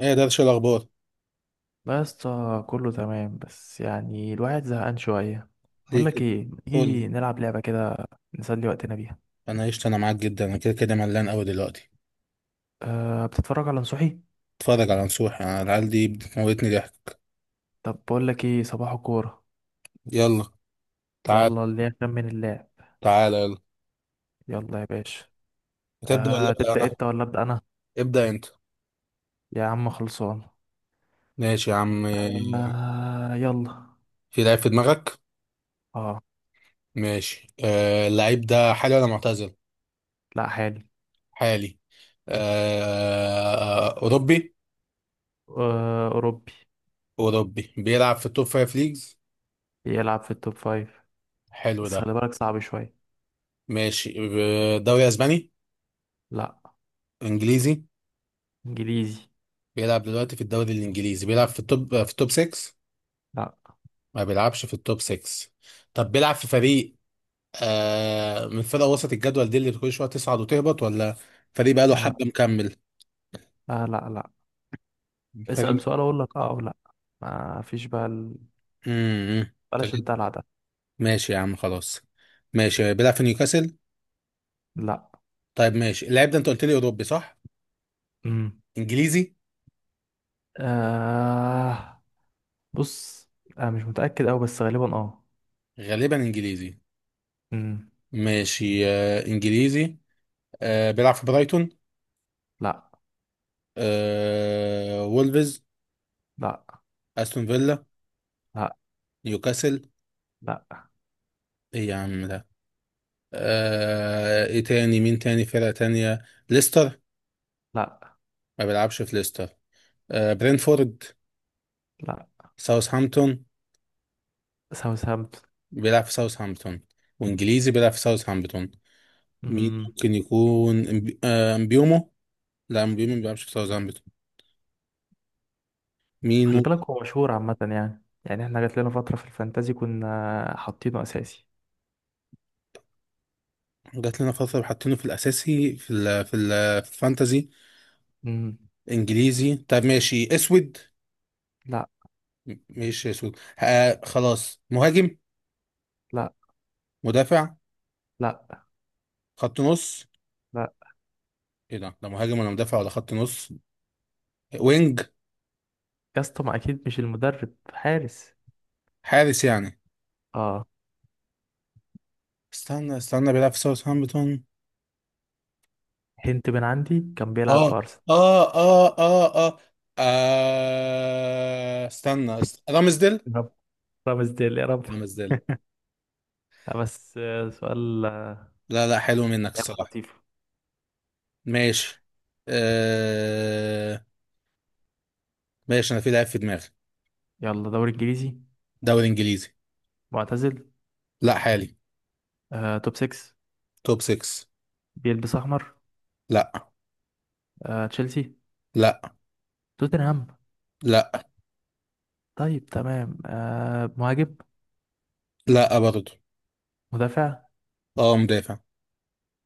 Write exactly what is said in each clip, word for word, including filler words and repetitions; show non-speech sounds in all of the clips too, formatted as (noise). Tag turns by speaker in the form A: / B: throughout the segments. A: ايه ده، شو الاخبار؟
B: لا يا اسطى، كله تمام بس يعني الواحد زهقان شوية. بقول
A: ليه
B: لك
A: كده؟
B: ايه، ما
A: قول لي.
B: تيجي نلعب لعبة كده نسلي وقتنا بيها؟
A: انا عشت انا معاك جدا، انا كده كده ملان قوي دلوقتي.
B: أه، بتتفرج على نصوحي؟
A: اتفرج على نصوح، انا العيال دي بتموتني ضحك.
B: طب بقول لك ايه، صباح الكورة.
A: يلا. تعال
B: يلا اللي يخمن من اللاعب.
A: تعال. يلا
B: يلا يا باشا.
A: هتبدا ولا
B: أه،
A: ابدا
B: تبدأ
A: انا؟
B: انت ولا أبدأ انا؟
A: ابدا انت.
B: يا عم خلصان.
A: ماشي يا عم.
B: أه يلا.
A: في لعيب في دماغك.
B: اه.
A: ماشي. آه، اللعيب ده حالي ولا معتزل؟
B: لا، حالي.
A: حالي. آه اوروبي.
B: أه أوروبي.
A: اوروبي بيلعب في التوب فايف ليجز.
B: بيلعب في التوب فايف.
A: حلو
B: بس
A: ده.
B: خلي بالك صعب شوية.
A: ماشي. آه، دوري اسباني؟
B: لا.
A: انجليزي.
B: إنجليزي.
A: بيلعب دلوقتي في الدوري الانجليزي، بيلعب في التوب في التوب ستة؟
B: لا.
A: ما بيلعبش في التوب ستة. طب بيلعب في فريق، آه، من فرق وسط الجدول دي اللي كل شويه تصعد وتهبط، ولا فريق بقى له
B: أه.
A: حبه مكمل؟
B: آه، لا لا. اسأل
A: فريق.
B: سؤال اقول لك اه او لا. ما فيش بقى ال...
A: امم
B: بلاش
A: تجد.
B: الدلع ده.
A: ماشي يا عم، خلاص. ماشي، بيلعب في نيوكاسل؟
B: لا.
A: طيب ماشي، اللاعب ده انت قلت لي اوروبي صح؟
B: امم.
A: انجليزي؟
B: آه بص. آه مش متأكد أوي بس غالبا اه.
A: غالبا انجليزي.
B: امم.
A: ماشي، آه انجليزي. آه بيلعب في برايتون؟
B: لا.
A: آه وولفز؟
B: لا.
A: استون فيلا؟
B: لا.
A: نيوكاسل؟
B: لا.
A: ايه يا عم ده؟ آه، ايه تاني؟ مين تاني؟ فرقه تانيه؟ ليستر؟
B: لا.
A: ما بيلعبش في ليستر. آه برينفورد؟
B: لا.
A: ساوثهامبتون؟
B: ساوثهامبتون.
A: بيلعب في ساوثهامبتون. وانجليزي بيلعب في ساوثهامبتون. مين
B: امم.
A: ممكن يكون؟ إمب- آه، امبيومو؟ لا، امبيومو ما بيلعبش في ساوثهامبتون. مين
B: خلي بالك،
A: ممكن؟
B: هو مشهور عامة، يعني يعني احنا جات لنا فترة في الفانتازي كنا حاطينه أساسي.
A: جات لنا فترة حاطينه في الأساسي، في ال في ال في الفانتازي.
B: امم.
A: إنجليزي، طب ماشي. أسود؟
B: لا.
A: م- ماشي أسود. آه خلاص، مهاجم؟
B: لا.
A: مدافع؟
B: لا.
A: خط نص؟
B: لا.
A: إيه ده؟ ده مهاجم ولا مدافع ولا خط نص؟ وينج؟
B: يا اسطى ما أكيد مش المدرب حارس.
A: حارس يعني؟
B: اه.
A: استنى استنى، بيلعب في ساوثهامبتون.
B: هنت من عندي، كان بيلعب في
A: اه
B: أرسنال.
A: اه اه اه اه. آه، استنى است- رامزديل؟
B: (laughs) رب. رامز ديل يا رب.
A: رامزديل.
B: لا بس آه، سؤال. آه،
A: لا لا، حلو منك
B: لعبة
A: الصراحة.
B: لطيفة.
A: ماشي. آه، ماشي. انا في لعيب في دماغي.
B: يلا دوري انجليزي.
A: دوري انجليزي.
B: معتزل.
A: لا حالي.
B: آه، توب ستة.
A: توب ستة.
B: بيلبس احمر.
A: لا.
B: آه، تشيلسي.
A: لا.
B: توتنهام.
A: لا.
B: طيب تمام. آه، مهاجم.
A: لا برضه.
B: مدافع.
A: اه مدافع.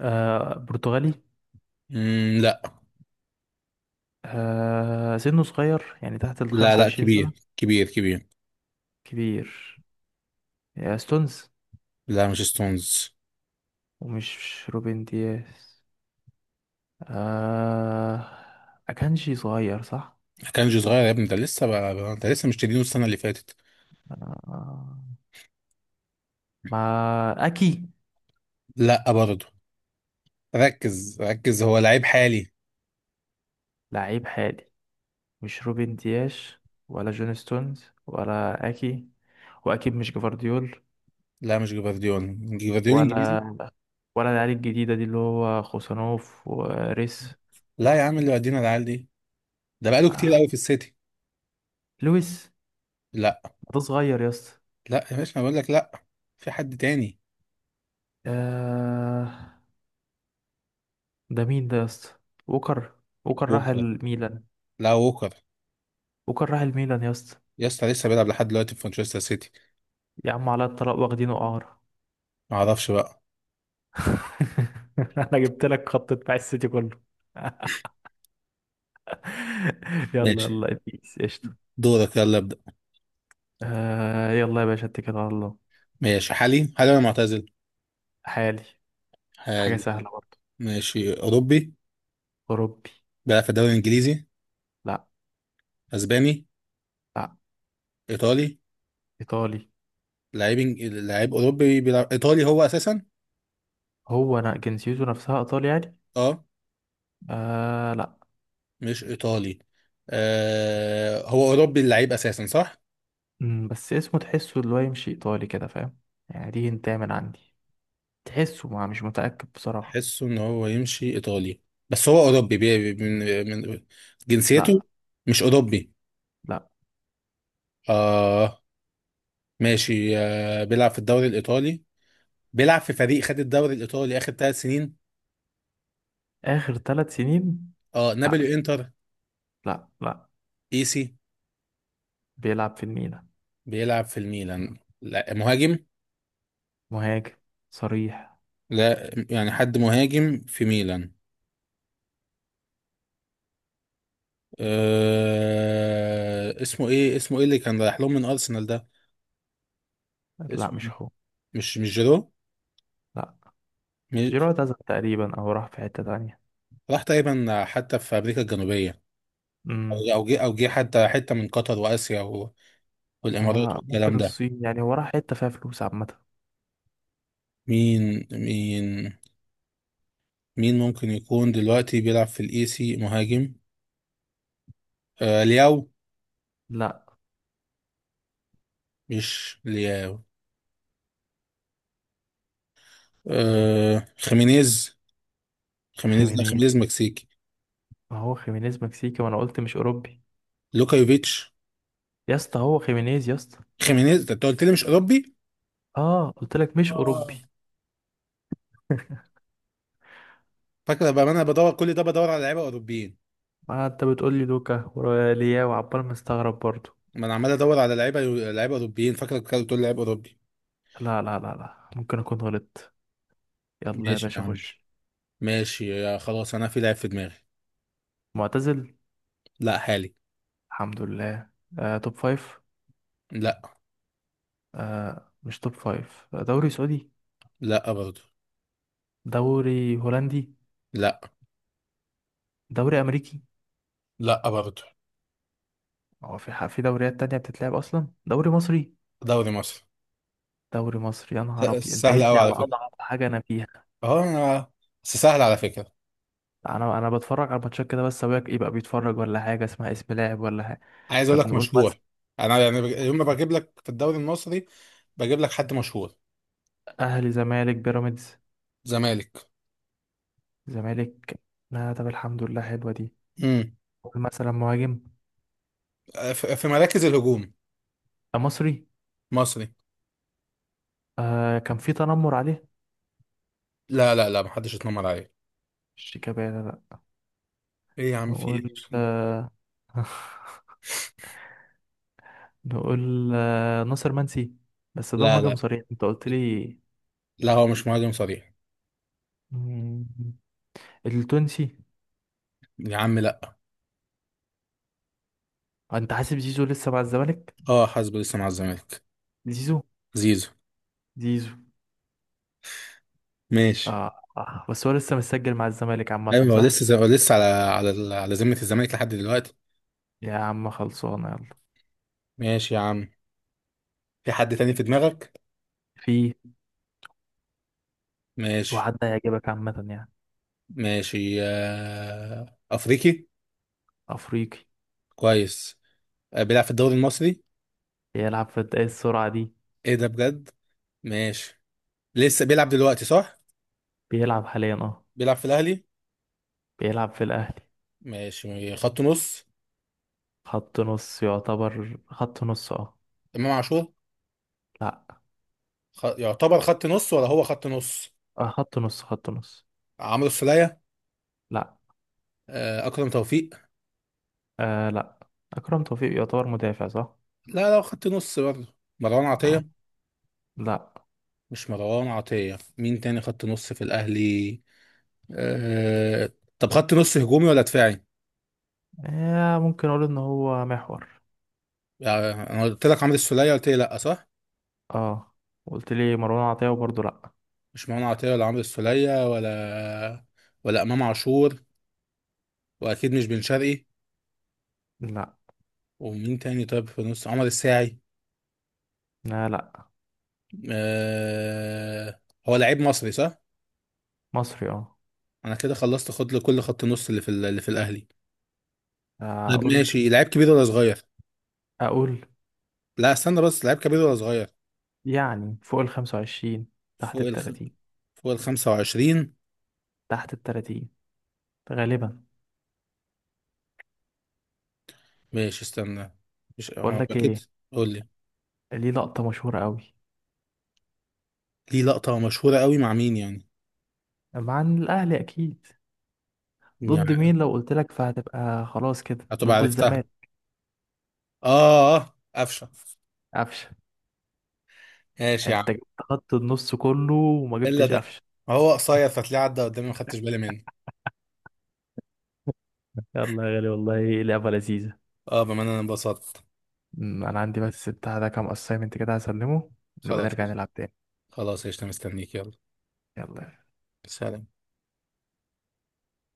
B: آه، برتغالي.
A: مم، لا
B: آه، سنه صغير يعني تحت ال
A: لا. لا،
B: خمسة وعشرين سنة.
A: كبير كبير كبير.
B: كبير. آه، ستونز.
A: لا مش ستونز.
B: ومش روبن دياس. آه، أكانجي صغير صح؟
A: كانجي صغير يا ابني، ده لسه بقى، انت لسه مش تدينه السنة اللي فاتت.
B: آه، مع. أكي.
A: لا برضه. ركز ركز، هو لعيب حالي.
B: لعيب حالي. مش روبن دياش ولا جون ستونز ولا اكي. واكيد مش جفارديول.
A: لا مش جفارديول، جفارديول انجليزي.
B: ولا ولا العيال الجديده دي اللي هو خوسانوف وريس.
A: لا يا عم اللي ودينا العيال دي، ده بقاله كتير
B: آه.
A: قوي في السيتي.
B: لويس.
A: لا.
B: ده صغير يا اسطى.
A: لا يا باشا انا بقول لك لا. في حد تاني.
B: آه. ده مين ده يا اسطى؟ ووكر. ووكر راح
A: ووكر؟
B: الميلان.
A: لا ووكر،
B: ووكر راح الميلان يا اسطى.
A: يا اسطى لسه بيلعب لحد دلوقتي في مانشستر سيتي.
B: يا عم على الطلاق واخدينه قعر.
A: ما اعرفش بقى.
B: (laughs) انا جبت لك خط دفاع السيتي كله. (laughs) يلا
A: ماشي،
B: يلا بيس قشطه.
A: دورك يلا ابدا.
B: آه. يلا يا باشا، اتكل على الله.
A: ماشي. حالي حالي ولا معتزل؟
B: حالي. حاجه
A: حالي.
B: سهله.
A: ماشي. اوروبي.
B: أوروبي.
A: بيلعب في الدوري الانجليزي؟
B: لا.
A: اسباني؟
B: لا.
A: ايطالي؟
B: إيطالي.
A: لعيب إنج- لعيب اوروبي بيلعب ايطالي هو اساسا.
B: هو أنا جنسيته نفسها إيطالي يعني.
A: اه.
B: آه لا.
A: مش ايطالي. آه، هو اوروبي اللعيب اساسا صح؟
B: مم، بس اسمه تحسه اللي هو يمشي إيطالي كده، فاهم؟ يعني دي انت من عندي. تحسه، ما مش متأكد بصراحة.
A: حسه ان هو يمشي ايطالي، بس هو اوروبي. بي بي- من من جنسيته.
B: لا.
A: مش اوروبي؟
B: لا.
A: اه. ماشي، آه بيلعب في الدوري الايطالي. بيلعب في فريق خد الدوري الايطالي اخر ثلاث سنين.
B: آخر ثلاث سنين.
A: اه
B: لا.
A: نابولي؟ انتر؟
B: لا لا.
A: ايسي؟
B: بيلعب في الميلان.
A: بيلعب في الميلان. لا مهاجم؟
B: مهاجم صريح.
A: لا يعني، حد مهاجم في ميلان. آه اسمه ايه؟ اسمه ايه اللي كان رايح لهم من ارسنال ده؟
B: لا
A: اسمه
B: مش
A: ايه؟
B: هو.
A: مش مش جيرو؟
B: لا. جيرو
A: مش-
B: اعتزل تقريبا أو راح في حتة تانية.
A: راح تقريبا حتى في امريكا الجنوبيه، او
B: امم.
A: أو جه او جه حتى حته من قطر واسيا و- والامارات
B: هو ممكن
A: والكلام ده.
B: الصين يعني، هو راح حتة فيها فلوس عامة.
A: مين مين، مين ممكن يكون دلوقتي بيلعب في الاي سي مهاجم؟ آه لياو؟
B: لا.
A: مش لياو. آه خيمينيز. خيمينيز؟ لا،
B: خيمينيز.
A: خيمينيز مكسيكي.
B: ما هو خيمينيز مكسيكي وأنا قلت مش أوروبي.
A: لوكا يوفيتش؟
B: يا اسطى هو خيمينيز يا اسطى.
A: خيمينيز ده انت قلت لي مش اوروبي.
B: اه قلت لك مش اوروبي.
A: اه. فاكره بقى، ما انا بدور كل ده بدور على لعيبه اوروبيين.
B: ما انت بتقول لي لوكا وريا وعبال مستغرب برضو.
A: ما انا عمال ادور على لعيبه، لعيبه اوروبيين، فاكرك كده بتقول لعيب اوروبي.
B: لا لا لا لا ممكن اكون غلطت. يلا يا
A: ماشي يا
B: باشا
A: عم.
B: خش.
A: ماشي يا خلاص، انا في لعيب في دماغي.
B: معتزل.
A: لا حالي.
B: الحمد لله. آه توب فايف.
A: لا.
B: آه مش توب فايف. دوري سعودي.
A: لا برضه.
B: دوري هولندي.
A: لا.
B: دوري امريكي.
A: لا برضه.
B: هو في ح- في دوريات تانية بتتلعب اصلا. دوري مصري؟
A: دوري مصر.
B: دوري مصري يا نهار ابيض،
A: س-
B: انت
A: سهل
B: جيت
A: قوي
B: لي
A: على
B: على
A: فكره.
B: اضعف حاجه انا فيها.
A: اه انا. بس سهل على فكره.
B: انا انا بتفرج على الماتشات كده بس، ابويا يبقى بيتفرج ولا حاجه. اسمها اسم لاعب ولا حاجه.
A: عايز اقول
B: طب
A: لك
B: نقول.
A: مشهور. انا يعني بج... يوم ما بجيب لك في الدوري المصري، بجيب لك حد مشهور.
B: اهلي، زمالك، بيراميدز.
A: زمالك.
B: زمالك. لا، طب الحمد لله حلوه دي.
A: امم.
B: قول مثلا مهاجم.
A: في في مراكز الهجوم.
B: آه، مصري.
A: مصري.
B: آه كان في تنمر عليه.
A: لا لا لا، محدش اتنمر عليه.
B: شيكابالا لا.
A: ايه يا عم، في ايه؟
B: نقول آه. (laughs) نقول آه ناصر منسي. بس ده
A: لا
B: مهاجم
A: لا.
B: صريح انت قلت لي.
A: لا هو مش مهاجم صريح.
B: مم، التونسي.
A: يا عم لا.
B: آه، انت حاسب زيزو لسه مع الزمالك؟
A: اه حاسبه لسه مع الزمالك.
B: زيزو.
A: زيزو.
B: زيزو.
A: ماشي.
B: آه. اه بس هو لسه مسجل مع الزمالك
A: ايوه
B: عامه
A: هو
B: صح؟
A: لسه، هو لسه على على على ذمه الزمالك لحد دلوقتي.
B: يا عم خلصانه يلا.
A: ماشي يا عم. في حد تاني في دماغك.
B: في.
A: ماشي.
B: وعد هيعجبك عامه يعني.
A: ماشي، آه، افريقي.
B: افريقي.
A: كويس. آه، بيلعب في الدوري المصري.
B: بيلعب في الد- ايه السرعة دي؟
A: ايه ده بجد. ماشي. لسه بيلعب دلوقتي صح؟
B: بيلعب حاليا اه.
A: بيلعب في الاهلي.
B: بيلعب في الأهلي.
A: ماشي. خط نص.
B: خط نص يعتبر، خط نص اه.
A: امام عاشور؟
B: لا.
A: خ... يعتبر خط نص ولا هو خط نص؟
B: آه خط نص خط نص.
A: عمرو السولية؟
B: لا.
A: آه، اكرم توفيق؟
B: آه لا. أكرم توفيق يعتبر مدافع صح؟
A: لا لا، خط نص برضه. مروان
B: آه.
A: عطية؟
B: لا.
A: مش مروان عطية. مين تاني خط نص في الاهلي؟ أه... طب خط نص هجومي ولا دفاعي؟
B: آه ممكن أقول إن هو محور.
A: يعني انا قلت لك عمرو السولية قلت لي لا صح؟
B: اه قلت لي مروان عطية وبرضه لا.
A: مش مروان عطية ولا عمرو السولية ولا ولا إمام عاشور، وأكيد مش بن شرقي.
B: لا
A: ومين تاني؟ طيب في النص، عمر الساعي؟
B: لا لا.
A: أه... هو لعيب مصري صح؟
B: مصري اه.
A: أنا كده خلصت، خد له كل خط النص اللي في ال- اللي في الأهلي. طب
B: أقول.
A: ماشي، لعيب كبير ولا صغير؟
B: أقول.
A: لا استنى بس، لعيب كبير ولا صغير؟
B: يعني فوق الخمسة وعشرين، تحت
A: فوق الخ...
B: التلاتين.
A: فوق ال خمسة وعشرين.
B: تحت التلاتين غالبا.
A: ماشي استنى، مش
B: بقول
A: هو
B: لك
A: أكيد.
B: ايه.
A: قول لي.
B: ليه لقطة مشهورة قوي.
A: ليه لقطة مشهورة قوي مع مين يعني؟
B: مع الأهلي أكيد. ضد مين
A: يعني
B: لو قلت لك فهتبقى خلاص كده،
A: هتبقى
B: ضد
A: عرفتها.
B: الزمالك.
A: آه آه، قفشة.
B: قفشة.
A: ماشي يا.
B: أنت جبت خط النص كله وما
A: الا
B: جبتش
A: ده،
B: قفشة؟
A: هو قصير فتلاقيه عدى قدامي ما خدتش بالي منه.
B: يلا يا غالي والله لعبة لذيذة.
A: اه بما ان انا انبسطت.
B: أمم، أنا عندي بس بتاع ده كام أسايمنت كده هسلمه ونبقى
A: خلاص.
B: نرجع نلعب تاني.
A: خلاص، قشطة، مستنيك. يلا.
B: يلا.
A: سلام.